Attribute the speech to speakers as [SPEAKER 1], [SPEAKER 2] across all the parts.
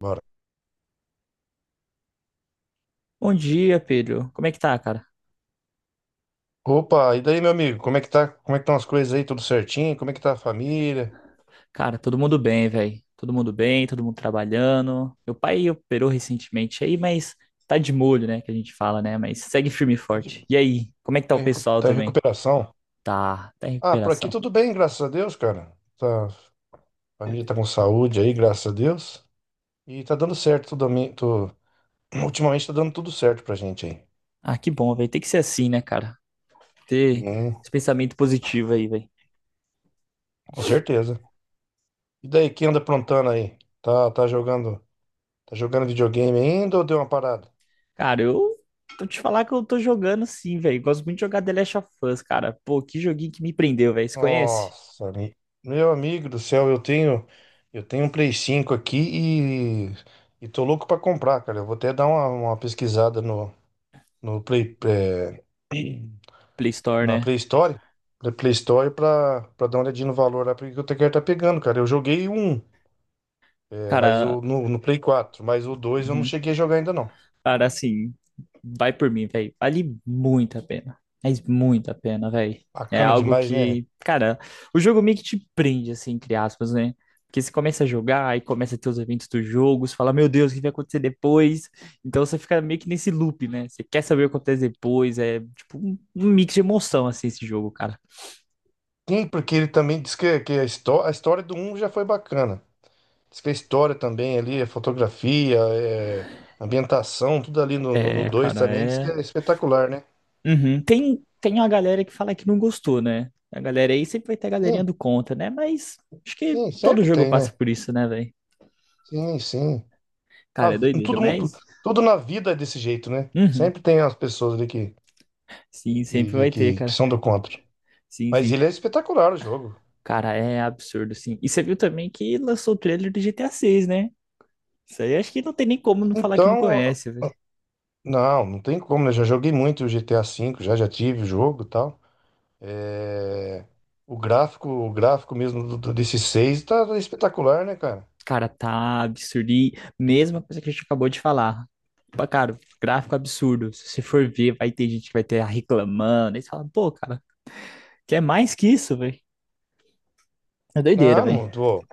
[SPEAKER 1] Bora.
[SPEAKER 2] Bom dia, Pedro. Como é que tá, cara?
[SPEAKER 1] Opa, e daí, meu amigo? Como é que tá? Como é que estão as coisas aí? Tudo certinho? Como é que tá a família?
[SPEAKER 2] Cara, todo mundo bem, velho. Todo mundo bem, todo mundo trabalhando. Meu pai operou recentemente aí, mas tá de molho, né? Que a gente fala, né? Mas segue firme e
[SPEAKER 1] Tá,
[SPEAKER 2] forte. E aí, como é que tá o pessoal
[SPEAKER 1] tá em
[SPEAKER 2] também?
[SPEAKER 1] recuperação?
[SPEAKER 2] Tá, tá em
[SPEAKER 1] Ah, por aqui
[SPEAKER 2] recuperação.
[SPEAKER 1] tudo bem, graças a Deus, cara. Tá, a família tá com saúde aí, graças a Deus. E tá dando certo tudo. Ultimamente tá dando tudo certo pra gente aí.
[SPEAKER 2] Ah, que bom, velho. Tem que ser assim, né, cara? Ter
[SPEAKER 1] Hum,
[SPEAKER 2] esse pensamento positivo aí, velho.
[SPEAKER 1] com certeza. E daí, quem anda aprontando aí? Tá, jogando videogame ainda ou deu uma parada?
[SPEAKER 2] Cara, eu tô te falar que eu tô jogando sim, velho. Gosto muito de jogar The Last of Us, cara. Pô, que joguinho que me prendeu, velho. Você conhece?
[SPEAKER 1] Nossa, meu amigo do céu, eu tenho um Play 5 aqui e tô louco pra comprar, cara. Eu vou até dar uma pesquisada no Play,
[SPEAKER 2] Play Store,
[SPEAKER 1] na
[SPEAKER 2] né?
[SPEAKER 1] Play Store, na Play Store pra dar uma olhadinha no valor lá, porque quero estar tá pegando, cara. Eu joguei
[SPEAKER 2] Cara,
[SPEAKER 1] no Play 4, mas o dois eu não
[SPEAKER 2] uhum.
[SPEAKER 1] cheguei a jogar ainda não.
[SPEAKER 2] Cara, assim, vai por mim, velho. Vale muito a pena. Mas muito a pena, velho. É
[SPEAKER 1] Bacana
[SPEAKER 2] algo
[SPEAKER 1] demais, né?
[SPEAKER 2] que, cara, o jogo meio que te prende, assim, entre aspas, né? Porque você começa a jogar e começa a ter os eventos do jogo, você fala, meu Deus, o que vai acontecer depois? Então você fica meio que nesse loop, né? Você quer saber o que acontece depois. É tipo um mix de emoção, assim, esse jogo, cara.
[SPEAKER 1] Sim, porque ele também diz que a história do um já foi bacana. Diz que a história também ali, a fotografia, ambientação, tudo ali no
[SPEAKER 2] É,
[SPEAKER 1] dois
[SPEAKER 2] cara,
[SPEAKER 1] também, diz que
[SPEAKER 2] é.
[SPEAKER 1] é espetacular, né?
[SPEAKER 2] Uhum. Tem uma galera que fala que não gostou, né? A galera aí sempre vai ter a
[SPEAKER 1] Sim,
[SPEAKER 2] galerinha do contra, né? Mas acho que
[SPEAKER 1] sim,
[SPEAKER 2] todo
[SPEAKER 1] sempre
[SPEAKER 2] jogo
[SPEAKER 1] tem,
[SPEAKER 2] passa
[SPEAKER 1] né?
[SPEAKER 2] por isso, né, velho?
[SPEAKER 1] Sim, sim.
[SPEAKER 2] Cara, é doideira,
[SPEAKER 1] Todo mundo,
[SPEAKER 2] mas.
[SPEAKER 1] tudo na vida é desse jeito, né?
[SPEAKER 2] Uhum.
[SPEAKER 1] Sempre tem as pessoas ali que,
[SPEAKER 2] Sim, sempre
[SPEAKER 1] que,
[SPEAKER 2] vai ter,
[SPEAKER 1] que, que-
[SPEAKER 2] cara.
[SPEAKER 1] são do contra.
[SPEAKER 2] Sim,
[SPEAKER 1] Mas
[SPEAKER 2] sim.
[SPEAKER 1] ele é espetacular o jogo.
[SPEAKER 2] Cara, é absurdo, sim. E você viu também que lançou o trailer do GTA VI, né? Isso aí acho que não tem nem como não falar que não
[SPEAKER 1] Então,
[SPEAKER 2] conhece, velho.
[SPEAKER 1] não, não tem como, né? Já joguei muito o GTA V, já tive o jogo e tal. É, o gráfico, mesmo desse 6 tá espetacular, né, cara?
[SPEAKER 2] Cara, tá absurdo. E mesma coisa que a gente acabou de falar. Pá, cara, gráfico é absurdo. Se você for ver, vai ter gente que vai ter reclamando. Aí você fala, pô, cara, quer mais que isso, velho? É doideira,
[SPEAKER 1] Ah,
[SPEAKER 2] velho.
[SPEAKER 1] não, tô.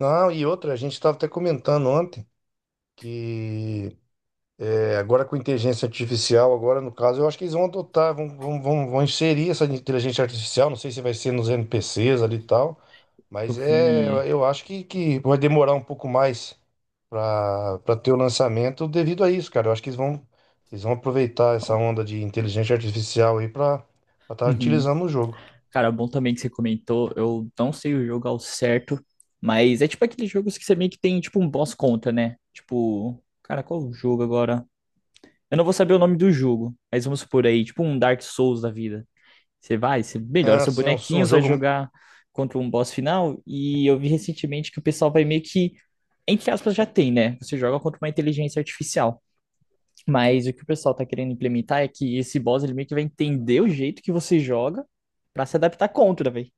[SPEAKER 1] Não, e outra, a gente estava até comentando ontem que agora com inteligência artificial, agora no caso, eu acho que eles vão adotar, vão, vão, vão, vão inserir essa inteligência artificial, não sei se vai ser nos NPCs ali e tal,
[SPEAKER 2] Eu
[SPEAKER 1] mas
[SPEAKER 2] vi.
[SPEAKER 1] eu acho que vai demorar um pouco mais para ter o lançamento devido a isso, cara. Eu acho que eles vão aproveitar essa
[SPEAKER 2] Não.
[SPEAKER 1] onda de inteligência artificial aí para estar
[SPEAKER 2] Uhum.
[SPEAKER 1] utilizando no jogo.
[SPEAKER 2] Cara, bom também que você comentou. Eu não sei o jogo ao certo, mas é tipo aqueles jogos que você meio que tem tipo um boss contra, né? Tipo, cara, qual o jogo agora? Eu não vou saber o nome do jogo, mas vamos supor aí, tipo um Dark Souls da vida. Você vai, você melhora
[SPEAKER 1] É,
[SPEAKER 2] seu
[SPEAKER 1] assim, um,
[SPEAKER 2] bonequinho,
[SPEAKER 1] um
[SPEAKER 2] você vai
[SPEAKER 1] jogo
[SPEAKER 2] jogar contra um boss final. E eu vi recentemente que o pessoal vai meio que, entre aspas, já tem, né? Você joga contra uma inteligência artificial. Mas o que o pessoal tá querendo implementar é que esse boss ele meio que vai entender o jeito que você joga pra se adaptar contra, velho.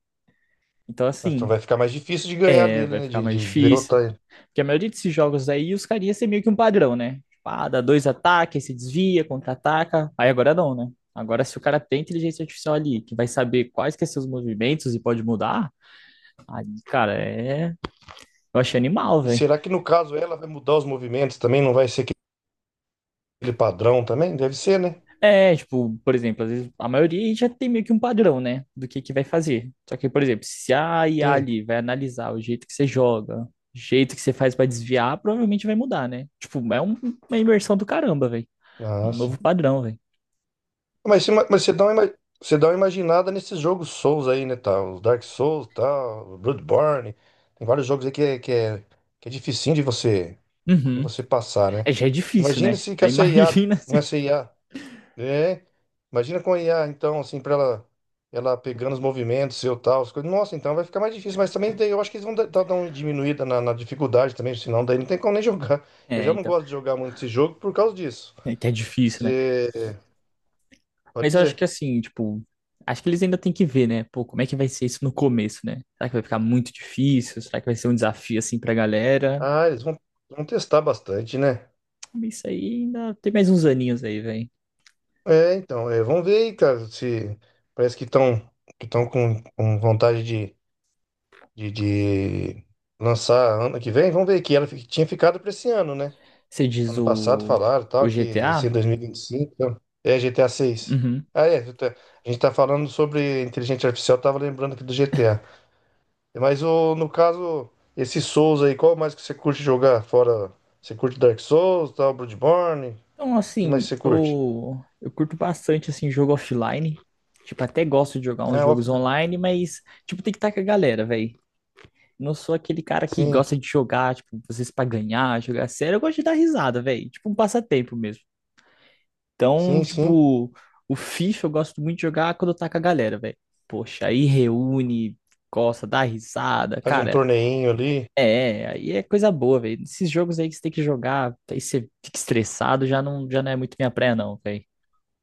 [SPEAKER 2] Então,
[SPEAKER 1] então
[SPEAKER 2] assim,
[SPEAKER 1] vai ficar mais difícil de ganhar
[SPEAKER 2] é,
[SPEAKER 1] dele,
[SPEAKER 2] vai
[SPEAKER 1] né?
[SPEAKER 2] ficar
[SPEAKER 1] De,
[SPEAKER 2] mais
[SPEAKER 1] de
[SPEAKER 2] difícil.
[SPEAKER 1] derrotar.
[SPEAKER 2] Porque a maioria desses jogos aí, os carinhas têm meio que um padrão, né? Tipo, ah, dá dois ataques, se desvia, contra-ataca. Aí agora não, né? Agora, se o cara tem inteligência artificial ali, que vai saber quais que são seus movimentos e pode mudar, aí, cara, é. Eu achei animal,
[SPEAKER 1] E
[SPEAKER 2] velho.
[SPEAKER 1] será que no caso ela vai mudar os movimentos também? Não vai ser aquele padrão também? Deve ser, né?
[SPEAKER 2] É, tipo, por exemplo, às vezes a maioria já tem meio que um padrão, né, do que vai fazer. Só que, por exemplo, se a IA
[SPEAKER 1] Sim.
[SPEAKER 2] ali vai analisar o jeito que você joga, o jeito que você faz pra desviar, provavelmente vai mudar, né? Tipo, é uma imersão do caramba, velho. Um
[SPEAKER 1] Ah, sim.
[SPEAKER 2] novo padrão, velho.
[SPEAKER 1] Mas, se- mas você você dá uma imaginada nesses jogos Souls aí, né? Tá? Os Dark Souls, tal, Bloodborne. Tem vários jogos aí que é dificinho de você, de
[SPEAKER 2] Uhum.
[SPEAKER 1] você passar, né?
[SPEAKER 2] É, já é difícil,
[SPEAKER 1] Imagina
[SPEAKER 2] né?
[SPEAKER 1] se com
[SPEAKER 2] Aí
[SPEAKER 1] essa IA,
[SPEAKER 2] imagina
[SPEAKER 1] com
[SPEAKER 2] se.
[SPEAKER 1] essa I A É, imagina com a IA, então, assim, pra ela pegando os movimentos, seu tal, as coisas. Nossa, então vai ficar mais difícil, mas também daí eu acho que eles vão dar uma diminuída na dificuldade também, senão daí não tem como nem jogar. Eu
[SPEAKER 2] É,
[SPEAKER 1] já não
[SPEAKER 2] então,
[SPEAKER 1] gosto de jogar muito esse jogo por causa disso.
[SPEAKER 2] é que é difícil, né?
[SPEAKER 1] Você pode
[SPEAKER 2] Mas eu acho
[SPEAKER 1] dizer.
[SPEAKER 2] que assim, tipo, acho que eles ainda têm que ver, né? Pô, como é que vai ser isso no começo, né? Será que vai ficar muito difícil? Será que vai ser um desafio assim pra galera?
[SPEAKER 1] Ah, eles vão testar bastante, né?
[SPEAKER 2] Isso aí ainda tem mais uns aninhos aí, velho.
[SPEAKER 1] É, então, vamos ver aí, cara, se parece que estão com vontade de, de lançar ano que vem. Vamos ver que tinha ficado para esse ano, né?
[SPEAKER 2] Você diz
[SPEAKER 1] Ano passado
[SPEAKER 2] o,
[SPEAKER 1] falaram tal, que ia ser
[SPEAKER 2] GTA?
[SPEAKER 1] em 2025. Então. É GTA 6.
[SPEAKER 2] Uhum.
[SPEAKER 1] Ah, é. GTA. A gente tá falando sobre inteligência artificial, tava lembrando aqui do GTA. No caso, esse Souls aí, qual mais que você curte jogar? Fora. Você curte Dark Souls, tal, Bloodborne? O
[SPEAKER 2] Então,
[SPEAKER 1] que mais
[SPEAKER 2] assim,
[SPEAKER 1] você curte?
[SPEAKER 2] eu curto bastante, assim, jogo offline. Tipo, até gosto de jogar uns
[SPEAKER 1] Ah,
[SPEAKER 2] jogos
[SPEAKER 1] offline.
[SPEAKER 2] online, mas, tipo, tem que estar com a galera, velho. Não sou aquele cara que
[SPEAKER 1] Sim,
[SPEAKER 2] gosta de jogar, tipo, às vezes pra ganhar, jogar sério. Eu gosto de dar risada, velho. Tipo, um passatempo mesmo. Então,
[SPEAKER 1] sim, sim.
[SPEAKER 2] tipo, o FIFA eu gosto muito de jogar quando eu tá com a galera, velho. Poxa, aí reúne, gosta, dá risada.
[SPEAKER 1] Faz um
[SPEAKER 2] Cara,
[SPEAKER 1] torneinho ali.
[SPEAKER 2] Aí é coisa boa, velho. Esses jogos aí que você tem que jogar, aí você fica estressado, já não é muito minha praia, não, velho.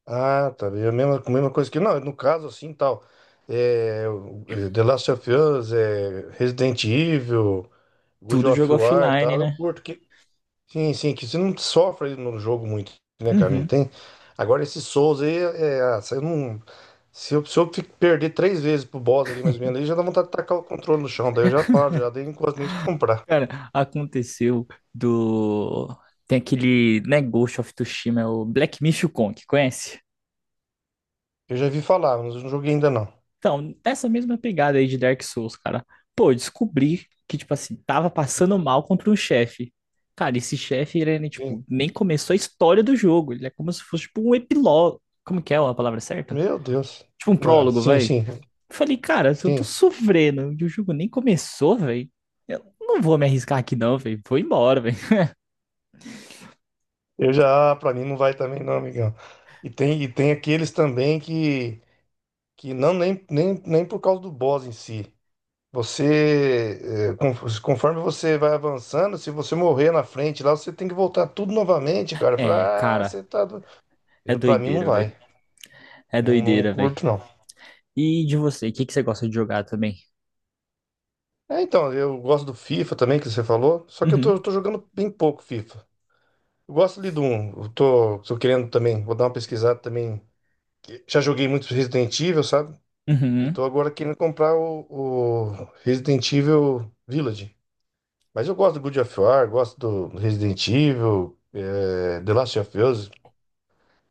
[SPEAKER 1] Ah, tá. É a mesma coisa que. Não, no caso, assim, tal. É, The Last of Us, Resident Evil. God
[SPEAKER 2] Tudo
[SPEAKER 1] of
[SPEAKER 2] jogo
[SPEAKER 1] War e
[SPEAKER 2] offline,
[SPEAKER 1] tal, eu
[SPEAKER 2] né?
[SPEAKER 1] curto. Sim, sim, que você não sofre no jogo muito, né, cara? Não
[SPEAKER 2] Uhum.
[SPEAKER 1] tem. Agora, esse Souls aí, se eu não. Se eu perder três vezes pro boss ali, mais ou menos, aí já dá vontade de tacar o controle no chão. Daí eu já paro, já dei quase nem de comprar.
[SPEAKER 2] Cara, aconteceu do. Tem aquele, né, Ghost of Tsushima, é o Black Myth Kong, conhece?
[SPEAKER 1] Eu já vi falar, mas eu não joguei ainda não.
[SPEAKER 2] Então, nessa mesma pegada aí de Dark Souls, cara. Pô, eu descobri que, tipo assim, tava passando mal contra um chefe. Cara, esse chefe, ele, né, tipo,
[SPEAKER 1] Sim.
[SPEAKER 2] nem começou a história do jogo. Ele é como se fosse, tipo, um epílogo. Como que é a palavra certa?
[SPEAKER 1] Meu Deus.
[SPEAKER 2] Tipo um
[SPEAKER 1] Ah,
[SPEAKER 2] prólogo,
[SPEAKER 1] sim,
[SPEAKER 2] vai.
[SPEAKER 1] sim,
[SPEAKER 2] Falei, cara, se eu tô
[SPEAKER 1] sim.
[SPEAKER 2] sofrendo e o jogo nem começou, velho, eu não vou me arriscar aqui não, velho. Vou embora, velho.
[SPEAKER 1] Eu já, pra mim não vai também não, amigão. E tem aqueles também que não, nem por causa do boss em si. Você, conforme você vai avançando, se você morrer na frente lá, você tem que voltar tudo novamente, cara.
[SPEAKER 2] É,
[SPEAKER 1] Fala,
[SPEAKER 2] cara,
[SPEAKER 1] você tá.
[SPEAKER 2] é
[SPEAKER 1] Eu, pra mim não
[SPEAKER 2] doideira, velho.
[SPEAKER 1] vai.
[SPEAKER 2] É
[SPEAKER 1] Não, não
[SPEAKER 2] doideira, velho.
[SPEAKER 1] curto, não.
[SPEAKER 2] E de você, o que que você gosta de jogar também?
[SPEAKER 1] É, então, eu gosto do FIFA também, que você falou. Só que eu tô,
[SPEAKER 2] Uhum,
[SPEAKER 1] eu tô jogando bem pouco FIFA. Eu gosto ali do 1. Eu tô querendo também, vou dar uma pesquisada também. Já joguei muito Resident Evil, sabe? E
[SPEAKER 2] uhum,
[SPEAKER 1] tô agora querendo comprar o Resident Evil Village. Mas eu gosto do God of War, gosto do Resident Evil, The Last of Us.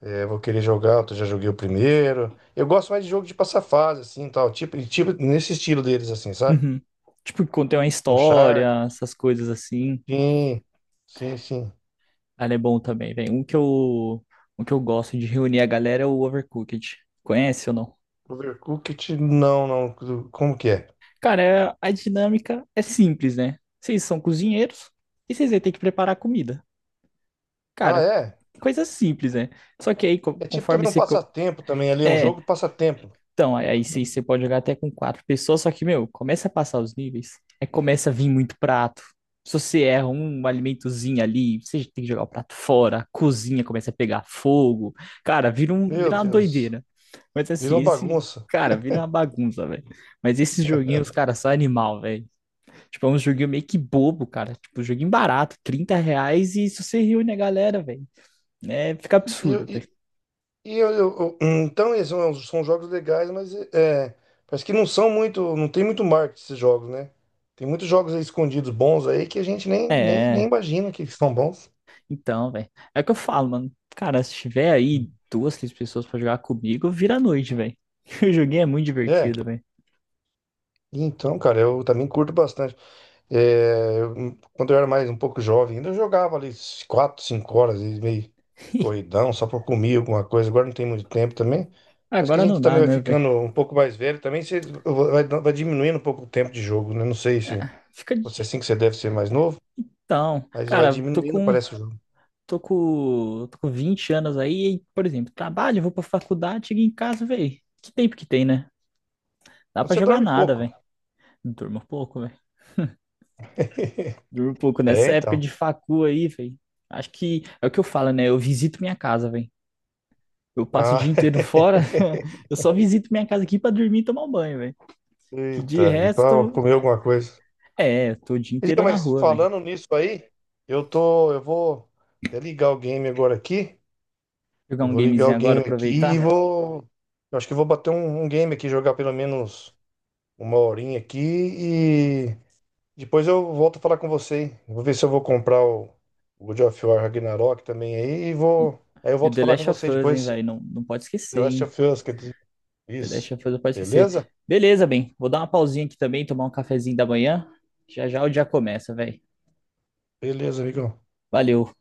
[SPEAKER 1] Vou querer jogar, eu já joguei o primeiro. Eu gosto mais de jogo de passar fase, assim, tal. Tipo, nesse estilo deles, assim, sabe?
[SPEAKER 2] uhum. Tipo, quando tem uma
[SPEAKER 1] Uncharted.
[SPEAKER 2] história, essas coisas assim,
[SPEAKER 1] Sim, sim, sim.
[SPEAKER 2] ela é bom também, velho. Um que eu gosto de reunir a galera é o Overcooked. Conhece ou não?
[SPEAKER 1] Overcooked, não, não. Como que é?
[SPEAKER 2] Cara, a dinâmica é simples, né? Vocês são cozinheiros e vocês vão ter que preparar comida.
[SPEAKER 1] Ah,
[SPEAKER 2] Cara,
[SPEAKER 1] é?
[SPEAKER 2] coisa simples, né? Só que aí,
[SPEAKER 1] É tipo
[SPEAKER 2] conforme
[SPEAKER 1] também um
[SPEAKER 2] você.
[SPEAKER 1] passatempo também ali, é um
[SPEAKER 2] É,
[SPEAKER 1] jogo de passatempo.
[SPEAKER 2] então, aí sim você pode jogar até com quatro pessoas, só que, meu, começa a passar os níveis, aí começa a vir muito prato. Se você erra um alimentozinho ali, você tem que jogar o prato fora, a cozinha começa a pegar fogo. Cara,
[SPEAKER 1] Meu
[SPEAKER 2] vira uma
[SPEAKER 1] Deus,
[SPEAKER 2] doideira. Mas
[SPEAKER 1] virou
[SPEAKER 2] assim,
[SPEAKER 1] uma
[SPEAKER 2] esse.
[SPEAKER 1] bagunça.
[SPEAKER 2] Cara, vira uma bagunça, velho. Mas esses joguinhos, cara, são animal, velho. Tipo, é um joguinho meio que bobo, cara. Tipo, joguinho barato, 30 reais e se você reúne a galera, velho. Né, fica
[SPEAKER 1] E,
[SPEAKER 2] absurdo, velho.
[SPEAKER 1] e- então, eles são jogos legais, mas parece que não são muito, não tem muito marketing esses jogos, né? Tem muitos jogos aí escondidos bons aí que a gente nem
[SPEAKER 2] É,
[SPEAKER 1] imagina que são bons.
[SPEAKER 2] então, velho. É o que eu falo, mano. Cara, se tiver aí duas, três pessoas pra jogar comigo, vira a noite, velho. O joguinho é muito
[SPEAKER 1] É,
[SPEAKER 2] divertido, velho.
[SPEAKER 1] então, cara, eu também curto bastante. É, quando eu era mais um pouco jovem, ainda eu jogava ali 4 5 horas, e meio corridão, só pra comer alguma coisa. Agora não tem muito tempo também. Parece que a
[SPEAKER 2] Agora
[SPEAKER 1] gente
[SPEAKER 2] não
[SPEAKER 1] também
[SPEAKER 2] dá,
[SPEAKER 1] vai
[SPEAKER 2] né, velho?
[SPEAKER 1] ficando um pouco mais velho, também você vai diminuindo um pouco o tempo de jogo, né? Não sei se.
[SPEAKER 2] Fica.
[SPEAKER 1] Você assim que você deve ser mais novo,
[SPEAKER 2] Então,
[SPEAKER 1] mas vai
[SPEAKER 2] cara,
[SPEAKER 1] diminuindo, parece o jogo.
[SPEAKER 2] Tô com 20 anos aí, e, por exemplo, trabalho, vou pra faculdade, chego em casa, velho. Que tempo que tem, né? Dá
[SPEAKER 1] Então
[SPEAKER 2] pra
[SPEAKER 1] você
[SPEAKER 2] jogar
[SPEAKER 1] dorme
[SPEAKER 2] nada,
[SPEAKER 1] pouco.
[SPEAKER 2] velho. Durmo pouco, velho. Durmo pouco
[SPEAKER 1] É,
[SPEAKER 2] nessa época
[SPEAKER 1] então.
[SPEAKER 2] de facu aí, velho. Acho que é o que eu falo, né? Eu visito minha casa, velho. Eu passo o
[SPEAKER 1] Ah,
[SPEAKER 2] dia inteiro fora, eu só visito minha casa aqui pra dormir e tomar um banho, velho. Que de
[SPEAKER 1] eita, e para
[SPEAKER 2] resto,
[SPEAKER 1] comer alguma coisa.
[SPEAKER 2] é, tô o dia
[SPEAKER 1] E diga,
[SPEAKER 2] inteiro na
[SPEAKER 1] mas
[SPEAKER 2] rua, velho.
[SPEAKER 1] falando nisso aí, eu vou até ligar o game agora aqui.
[SPEAKER 2] Jogar
[SPEAKER 1] Eu
[SPEAKER 2] um
[SPEAKER 1] vou ligar
[SPEAKER 2] gamezinho
[SPEAKER 1] o
[SPEAKER 2] agora,
[SPEAKER 1] game aqui e
[SPEAKER 2] aproveitar.
[SPEAKER 1] vou. Eu acho que eu vou bater um game aqui, jogar pelo menos uma horinha aqui e depois eu volto a falar com você, hein? Vou ver se eu vou comprar o God of War Ragnarok também aí e vou. Aí eu
[SPEAKER 2] E o
[SPEAKER 1] volto a
[SPEAKER 2] The
[SPEAKER 1] falar com
[SPEAKER 2] Last of
[SPEAKER 1] você
[SPEAKER 2] Us, hein,
[SPEAKER 1] depois.
[SPEAKER 2] velho. Não, não pode
[SPEAKER 1] The
[SPEAKER 2] esquecer,
[SPEAKER 1] Last
[SPEAKER 2] hein.
[SPEAKER 1] of Us, quer dizer,
[SPEAKER 2] The Last
[SPEAKER 1] isso.
[SPEAKER 2] of Us não pode esquecer.
[SPEAKER 1] Beleza?
[SPEAKER 2] Beleza, bem. Vou dar uma pausinha aqui também, tomar um cafezinho da manhã. Já já o dia começa, velho.
[SPEAKER 1] Beleza, amigão.
[SPEAKER 2] Valeu.